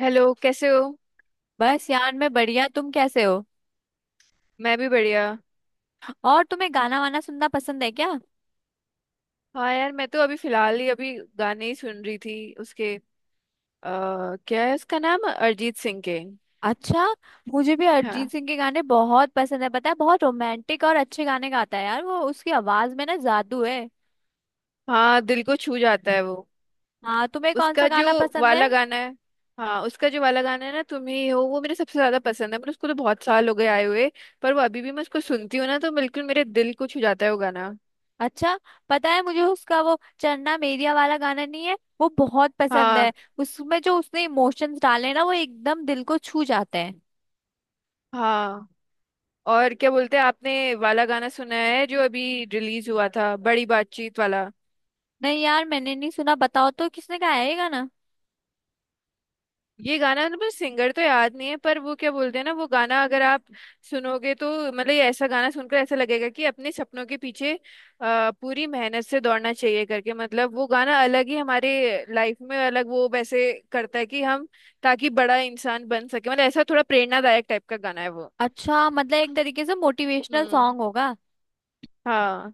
Hello कैसे हो। बस यार मैं बढ़िया। तुम कैसे हो? मैं भी बढ़िया। और तुम्हें गाना वाना सुनना पसंद है क्या? हाँ यार, मैं तो अभी फिलहाल ही अभी गाने ही सुन रही थी उसके क्या है उसका नाम, अरिजीत सिंह के। अच्छा, मुझे भी अरिजीत हाँ, सिंह के गाने बहुत पसंद है। पता है, बहुत रोमांटिक और अच्छे गाने गाता है यार वो, उसकी आवाज में ना जादू है। हाँ दिल को छू जाता है वो। हाँ, तुम्हें कौन सा उसका जो गाना पसंद है? वाला गाना है। हाँ उसका जो वाला गाना है ना तुम ही हो, वो मेरे सबसे ज्यादा पसंद है, पर उसको तो बहुत साल हो गए आए हुए। पर वो अभी भी मैं उसको सुनती हूँ ना तो बिल्कुल मेरे दिल को छू जाता है वो गाना। अच्छा, पता है मुझे उसका वो चन्ना मेरिया वाला गाना नहीं है वो, बहुत पसंद है। हाँ। उसमें जो उसने इमोशंस डाले हैं ना, वो एकदम दिल को छू जाते हैं। हाँ और क्या बोलते हैं, आपने वाला गाना सुना है जो अभी रिलीज हुआ था, बड़ी बातचीत वाला? नहीं यार, मैंने नहीं सुना। बताओ तो, किसने गाया है ये गाना? ये गाना ना, पर सिंगर तो याद नहीं है, पर वो क्या बोलते हैं ना, वो गाना अगर आप सुनोगे तो मतलब ये, ऐसा गाना सुनकर ऐसा लगेगा कि अपने सपनों के पीछे पूरी मेहनत से दौड़ना चाहिए करके। मतलब वो गाना अलग ही, हमारे लाइफ में अलग वो वैसे करता है कि हम ताकि बड़ा इंसान बन सके। मतलब ऐसा थोड़ा प्रेरणादायक टाइप का गाना है वो। अच्छा, मतलब एक तरीके से मोटिवेशनल हम्म। सॉन्ग होगा। हाँ।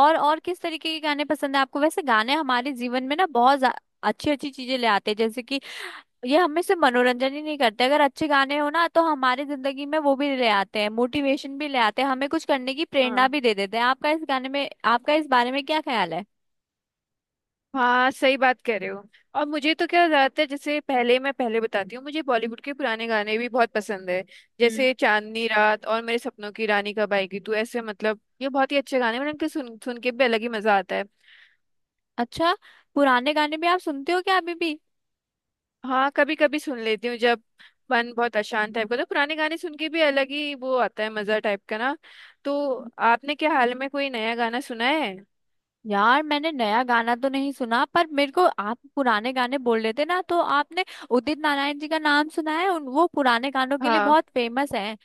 और किस तरीके के गाने पसंद है आपको? वैसे गाने हमारे जीवन में ना बहुत अच्छी अच्छी चीजें ले आते हैं। जैसे कि ये हमें सिर्फ मनोरंजन ही नहीं करते, अगर अच्छे गाने हो ना तो हमारी जिंदगी में वो भी ले आते हैं, मोटिवेशन भी ले आते हैं, हमें कुछ करने की प्रेरणा हाँ, भी दे देते हैं। आपका इस गाने में, आपका इस बारे में क्या ख्याल है? हाँ सही बात कह रहे हो। और मुझे तो क्या ज्यादातर, जैसे पहले मैं पहले बताती हूँ, मुझे बॉलीवुड के पुराने गाने भी बहुत पसंद है। हम्म। जैसे चांदनी रात और मेरे सपनों की रानी कब आएगी तू, ऐसे। मतलब ये बहुत ही अच्छे गाने हैं, मतलब इनके सुन सुन के भी अलग ही मजा आता है। अच्छा, पुराने गाने भी आप सुनते हो क्या अभी भी? हाँ कभी कभी सुन लेती हूँ जब मन बहुत अशांत टाइप का, तो पुराने गाने सुन के भी अलग ही वो आता है मजा टाइप का ना। तो आपने क्या हाल में कोई नया गाना सुना है? यार, मैंने नया गाना तो नहीं सुना, पर मेरे को आप पुराने गाने बोल रहे थे ना, तो आपने उदित नारायण जी का नाम सुना है? उन, वो पुराने गानों के लिए हाँ। बहुत फेमस है।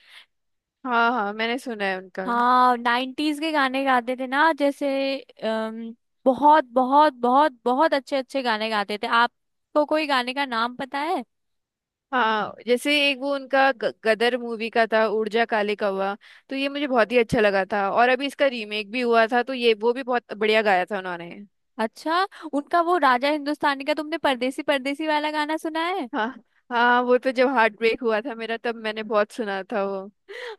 हाँ, हाँ मैंने सुना है उनका। हाँ, 90s के गाने गाते थे ना, जैसे अम, बहुत बहुत बहुत बहुत अच्छे अच्छे गाने गाते थे। आपको कोई गाने का नाम पता है? हाँ जैसे एक वो उनका गदर मूवी का था, उड़ जा काले कौवा। तो ये मुझे बहुत ही अच्छा लगा था, और अभी इसका रीमेक भी हुआ था तो ये वो भी बहुत बढ़िया गाया था उन्होंने। अच्छा, उनका वो राजा हिंदुस्तानी का तुमने परदेसी परदेसी वाला गाना सुना है? हाँ। हाँ वो तो जब हार्ट ब्रेक हुआ था मेरा, तब मैंने बहुत सुना था वो।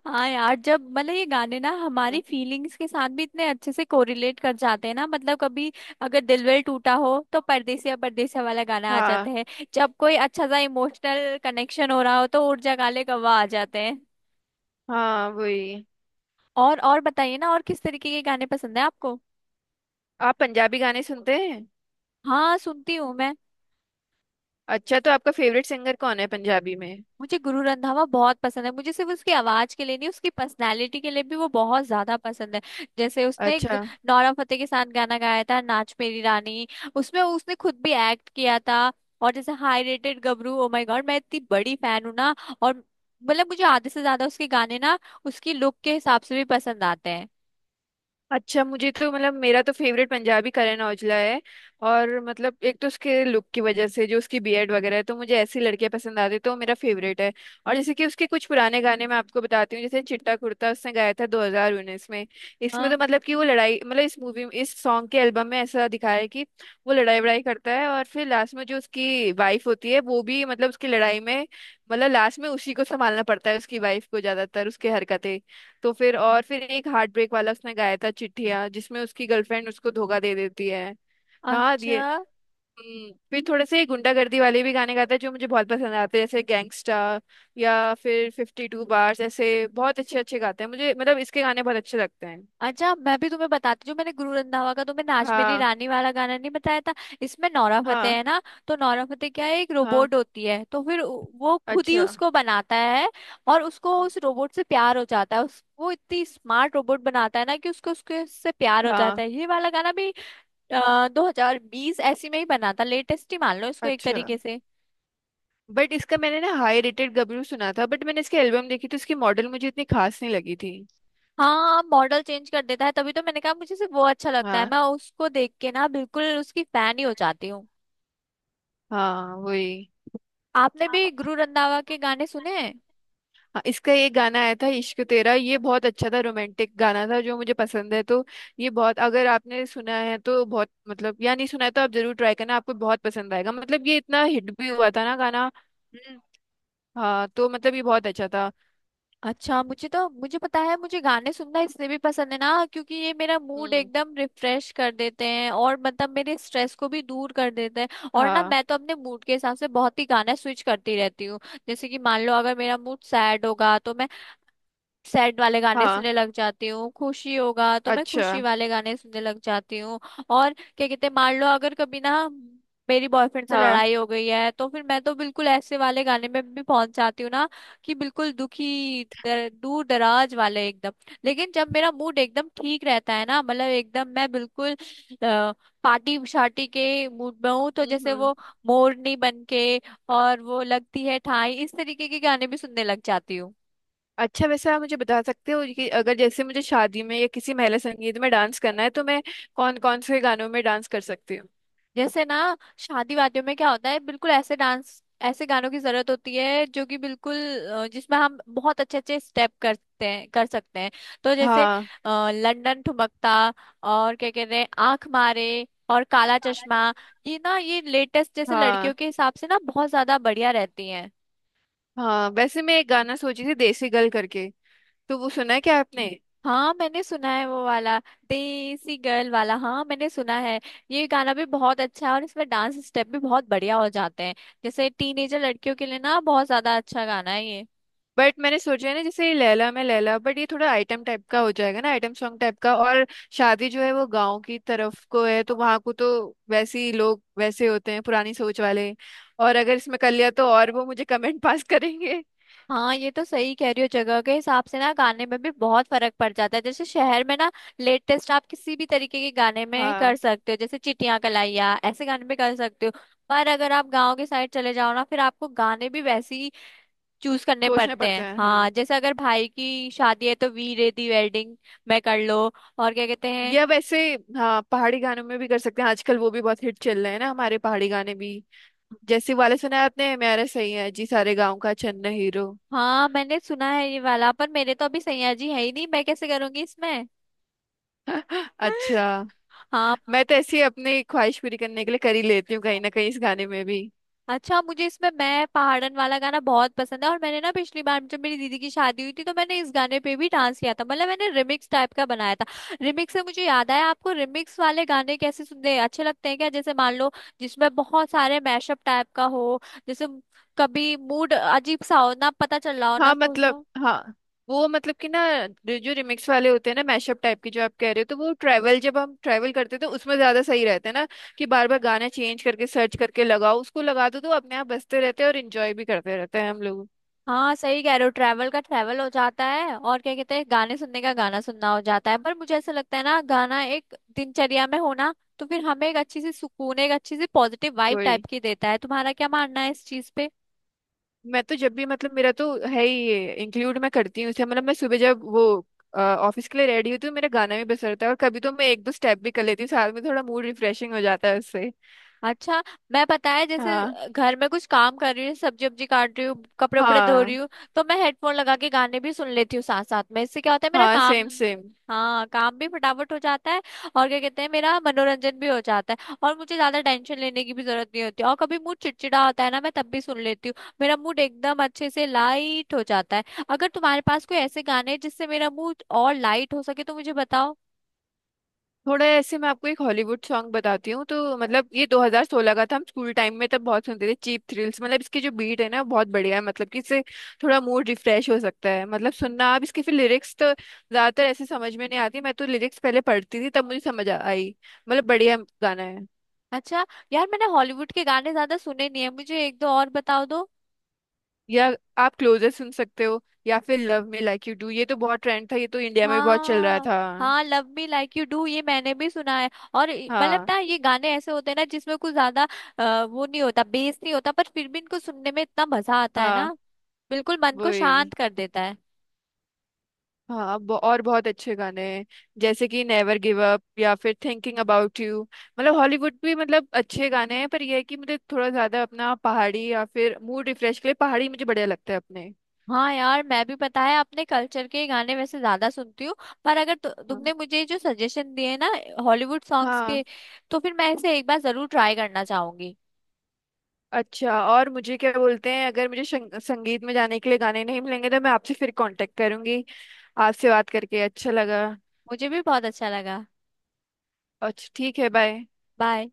हाँ यार, जब मतलब ये गाने ना हमारी फीलिंग्स के साथ भी इतने अच्छे से कोरिलेट कर जाते हैं ना। मतलब कभी अगर दिल विल टूटा हो तो परदेसिया परदेसिया वाला गाना आ जाता हाँ। है। जब कोई अच्छा सा इमोशनल कनेक्शन हो रहा हो तो उड़ जा काले कौवा आ जाते हैं। हाँ वही। और बताइए ना, और किस तरीके के गाने पसंद है आपको? आप पंजाबी गाने सुनते हैं? हाँ, सुनती हूँ मैं। अच्छा, तो आपका फेवरेट सिंगर कौन है पंजाबी में? मुझे गुरु रंधावा बहुत पसंद है। मुझे सिर्फ उसकी आवाज के लिए नहीं, उसकी पर्सनालिटी के लिए भी वो बहुत ज्यादा पसंद है। जैसे उसने एक अच्छा। नोरा फतेही के साथ गाना गाया था नाच मेरी रानी, उसमें उसने खुद भी एक्ट किया था। और जैसे high rated Gabru, oh my god, मैं इतनी बड़ी फैन हूँ ना। और मतलब मुझे आधे से ज्यादा उसके गाने ना उसकी लुक के हिसाब से भी पसंद आते हैं। अच्छा मुझे तो, मतलब मेरा तो फेवरेट पंजाबी करण औजला है। और मतलब एक तो उसके लुक की वजह से, जो उसकी बीएड वगैरह है, तो मुझे ऐसी लड़कियां पसंद आती है, तो वो मेरा फेवरेट है। और जैसे कि उसके कुछ पुराने गाने मैं आपको बताती हूँ, जैसे चिट्टा कुर्ता, उसने गाया था 2019 में। इसमें हाँ। तो मतलब कि वो लड़ाई, मतलब इस मूवी में, इस सॉन्ग के एल्बम में ऐसा दिखाया है कि वो लड़ाई वड़ाई करता है, और फिर लास्ट में जो उसकी वाइफ होती है, वो भी मतलब उसकी लड़ाई में, मतलब लास्ट में उसी को संभालना पड़ता है उसकी वाइफ को, ज्यादातर उसके हरकतें। तो फिर, और फिर एक हार्ट ब्रेक वाला उसने गाया था चिट्ठिया, जिसमें उसकी गर्लफ्रेंड उसको धोखा दे देती है। हाँ ये। अच्छा। फिर थोड़े से गुंडागर्दी वाले भी गाने गाता है जो मुझे बहुत पसंद आते हैं, जैसे गैंगस्टा, या फिर फिफ्टी टू बार्स। ऐसे बहुत अच्छे अच्छे गाते हैं, मुझे मतलब इसके गाने बहुत अच्छे लगते हैं। अच्छा मैं भी तुम्हें बताती हूँ, मैंने गुरु रंधावा का तुम्हें नाच मेरी हाँ। रानी वाला गाना नहीं बताया था। इसमें नोरा फतेही हाँ। है ना, तो नोरा फतेही क्या है, एक हाँ। रोबोट होती है, तो फिर वो खुद ही अच्छा। उसको बनाता है। और उसको उस रोबोट से प्यार हो जाता है। उस, वो इतनी स्मार्ट रोबोट बनाता है ना कि उसको उसके उससे प्यार हो जाता हाँ। है। ये वाला गाना भी 2020 ऐसी में ही बना था। लेटेस्ट ही मान लो इसको एक अच्छा। तरीके से। बट इसका मैंने ना हाई रेटेड गबरू सुना था, बट मैंने इसकी एल्बम देखी तो इसकी मॉडल मुझे इतनी खास नहीं लगी थी। हाँ, मॉडल चेंज कर देता है, तभी तो मैंने कहा मुझे सिर्फ वो अच्छा लगता है। हाँ। मैं उसको देख के ना बिल्कुल उसकी फैन ही हो जाती हूँ। हाँ वही। आपने भी गुरु रंधावा के गाने सुने हैं? हाँ इसका एक गाना आया था इश्क तेरा, ये बहुत अच्छा था, रोमांटिक गाना था, जो मुझे पसंद है। तो ये बहुत, अगर आपने सुना है तो बहुत मतलब, या नहीं सुना है तो आप जरूर ट्राई करना, आपको बहुत पसंद आएगा। मतलब ये इतना हिट भी हुआ था ना गाना। हम्म। हाँ तो मतलब ये बहुत अच्छा था। अच्छा, मुझे तो, मुझे पता है, मुझे गाने सुनना इसलिए भी पसंद है ना क्योंकि ये मेरा मूड हम्म। एकदम रिफ्रेश कर देते हैं, और मतलब मेरे स्ट्रेस को भी दूर कर देते हैं। और ना हाँ। मैं तो अपने मूड के हिसाब से बहुत ही गाना स्विच करती रहती हूँ। जैसे कि मान लो अगर मेरा मूड सैड होगा तो मैं सैड वाले गाने हाँ। सुनने लग जाती हूँ, खुशी होगा तो मैं अच्छा। खुशी वाले गाने सुनने लग जाती हूँ। और क्या कहते हैं, मान लो अगर कभी ना मेरी बॉयफ्रेंड से हाँ। लड़ाई हो गई है तो फिर मैं तो बिल्कुल ऐसे वाले गाने में भी पहुंच जाती हूँ ना, कि बिल्कुल दुखी दर, दूर दराज वाले एकदम। लेकिन जब मेरा मूड एकदम ठीक रहता है ना, मतलब एकदम मैं बिल्कुल अ, पार्टी शार्टी के मूड में हूँ, तो हम्म। जैसे हम्म। वो मोरनी बन के, और वो लगती है ठाई, इस तरीके के गाने भी सुनने लग जाती हूँ। अच्छा वैसे आप मुझे बता सकते हो कि अगर जैसे मुझे शादी में या किसी महिला संगीत में डांस करना है तो मैं कौन कौन से गानों में डांस कर सकती हूँ? जैसे ना शादी वादियों में क्या होता है, बिल्कुल ऐसे डांस, ऐसे गानों की जरूरत होती है जो कि बिल्कुल जिसमें हम बहुत अच्छे अच्छे स्टेप करते हैं, कर सकते हैं। तो जैसे हाँ। लंदन ठुमकता, और क्या कहते हैं, आंख मारे, और काला चश्मा, ये ना ये लेटेस्ट जैसे लड़कियों हाँ। के हिसाब से ना बहुत ज्यादा बढ़िया रहती हैं। हाँ वैसे मैं एक गाना सोची थी, देसी गर्ल करके, तो वो सुना है क्या आपने? हाँ मैंने सुना है वो वाला, देसी गर्ल वाला, हाँ मैंने सुना है। ये गाना भी बहुत अच्छा है और इसमें डांस स्टेप भी बहुत बढ़िया हो जाते हैं। जैसे टीनेजर लड़कियों के लिए ना बहुत ज्यादा अच्छा गाना है ये। बट मैंने सोचा है ना, जैसे ये लैला में लैला, बट ये थोड़ा आइटम टाइप का हो जाएगा ना, आइटम सॉन्ग टाइप का। और शादी जो है वो गांव की तरफ को है, तो वहां को तो वैसे ही लोग वैसे होते हैं, पुरानी सोच वाले। और अगर इसमें कर लिया तो, और वो मुझे कमेंट पास करेंगे। हाँ, ये तो सही कह रही हो, जगह के हिसाब से ना गाने में भी बहुत फर्क पड़ जाता है। जैसे शहर में ना लेटेस्ट आप किसी भी तरीके के गाने में कर हाँ सकते हो, जैसे चिट्टियां कलाइया, ऐसे गाने में कर सकते हो। पर अगर आप गाँव के साइड चले जाओ ना, फिर आपको गाने भी वैसे ही चूज करने सोचना पड़ते पड़ता हैं। है। हाँ हाँ जैसे अगर भाई की शादी है तो वी रेडी वेडिंग में कर लो, और क्या कहते हैं। या वैसे, हाँ पहाड़ी गानों में भी कर सकते हैं, आजकल वो भी बहुत हिट चल रहे हैं ना हमारे पहाड़ी गाने भी। जैसे वाले सुना है आपने, मेरा सही है जी सारे गाँव का चन्न हीरो? हाँ मैंने सुना है ये वाला, पर मेरे तो अभी सैया जी है ही नहीं, मैं कैसे करूंगी इसमें? अच्छा। हाँ। मैं तो ऐसी अपनी ख्वाहिश पूरी करने के लिए कर ही लेती हूँ, कहीं ना कहीं इस गाने में भी। अच्छा, मुझे इसमें, मैं पहाड़न वाला गाना बहुत पसंद है, और मैंने ना पिछली बार जब मेरी दीदी की शादी हुई थी तो मैंने इस गाने पे भी डांस किया था। मतलब मैंने रिमिक्स टाइप का बनाया था। रिमिक्स से मुझे याद आया, आपको रिमिक्स वाले गाने कैसे सुनते अच्छे लगते हैं क्या? जैसे मान लो जिसमें बहुत सारे मैशअप टाइप का हो, जैसे कभी मूड अजीब सा हो ना, पता चल रहा हो ना हाँ खुश मतलब। हो। हाँ। वो मतलब कि ना, जो जो रिमिक्स वाले होते हैं ना, मैशअप टाइप के, जो आप कह रहे हो, तो वो ट्रैवल, जब हम ट्रैवल करते हैं तो उसमें ज्यादा सही रहता है ना, कि बार बार गाना चेंज करके, सर्च करके लगाओ, उसको लगा दो तो अपने आप बजते रहते हैं, और इंजॉय भी करते रहते हैं हम हाँ सही कह रहे हो, ट्रैवल का ट्रैवल हो जाता है, और क्या कहते हैं, गाने सुनने का गाना सुनना हो जाता है। पर मुझे ऐसा लगता है ना गाना एक दिनचर्या में होना, तो फिर हमें एक अच्छी सी सुकून, एक अच्छी सी पॉजिटिव वाइब लोग। टाइप की देता है। तुम्हारा क्या मानना है इस चीज पे? मैं तो जब भी, मतलब मेरा तो है ही ये इंक्लूड मैं करती हूँ इसे, मतलब मैं सुबह जब वो ऑफिस के लिए रेडी होती हूँ, मेरा गाना भी बज रहता है, और कभी तो मैं एक दो स्टेप भी कर लेती हूँ साथ में, थोड़ा मूड रिफ्रेशिंग हो जाता है उससे। अच्छा। मैं, पता है, जैसे हाँ। घर में कुछ काम कर रही हूँ, सब्जी वब्जी काट रही हूँ, कपड़े उपड़े धो रही हाँ। हूँ, तो मैं हेडफोन लगा के गाने भी सुन लेती हूँ साथ साथ में। इससे क्या होता है मेरा हाँ काम, सेम सेम। हाँ, काम भी फटाफट हो जाता है, और क्या कहते हैं, मेरा मनोरंजन भी हो जाता है, और मुझे ज्यादा टेंशन लेने की भी जरूरत नहीं होती। और कभी मूड चिड़चिड़ा होता है ना, मैं तब भी सुन लेती हूँ, मेरा मूड एकदम अच्छे से लाइट हो जाता है। अगर तुम्हारे पास कोई ऐसे गाने हैं जिससे मेरा मूड और लाइट हो सके तो मुझे बताओ। थोड़ा ऐसे मैं आपको एक हॉलीवुड सॉन्ग बताती हूँ, तो मतलब ये 2016 का था, हम स्कूल टाइम में तब बहुत सुनते थे, चीप थ्रिल्स। मतलब इसकी जो बीट है ना, वो बहुत बढ़िया है, मतलब कि इससे थोड़ा मूड रिफ्रेश हो सकता है। मतलब सुनना आप इसके, फिर लिरिक्स तो ज्यादातर ऐसे समझ में नहीं आती, मैं तो लिरिक्स पहले पढ़ती थी तब मुझे समझ आई। मतलब बढ़िया गाना है। अच्छा, यार मैंने हॉलीवुड के गाने ज्यादा सुने नहीं है, मुझे एक दो और बताओ दो। या आप क्लोजर सुन सकते हो, या फिर love me like you do, ये तो बहुत ट्रेंड था, ये तो इंडिया में भी बहुत चल रहा हाँ, था। हाँ love me like you do ये मैंने भी सुना है। और मतलब हाँ। ना ये गाने ऐसे होते हैं ना जिसमें कुछ ज्यादा वो नहीं होता, बेस नहीं होता, पर फिर भी इनको सुनने में इतना मजा आता है ना, हाँ बिल्कुल मन वो को ही। शांत कर देता है। हाँ और बहुत अच्छे गाने हैं, जैसे कि नेवर गिव अप, या फिर थिंकिंग अबाउट यू। मतलब हॉलीवुड भी मतलब अच्छे गाने हैं, पर यह है कि मुझे थोड़ा ज्यादा अपना पहाड़ी, या फिर मूड रिफ्रेश के लिए पहाड़ी मुझे बढ़िया लगता है अपने। हाँ यार, मैं भी पता है अपने कल्चर के गाने वैसे ज्यादा सुनती हूँ, पर अगर हाँ। तुमने मुझे जो सजेशन दिए ना हॉलीवुड सॉन्ग्स हाँ। के, तो फिर मैं इसे एक बार जरूर ट्राई करना चाहूंगी। अच्छा और मुझे क्या बोलते हैं, अगर मुझे संगीत में जाने के लिए गाने नहीं मिलेंगे तो मैं आपसे फिर कांटेक्ट करूंगी। आपसे बात करके अच्छा लगा। मुझे भी बहुत अच्छा लगा। अच्छा ठीक है, बाय। बाय।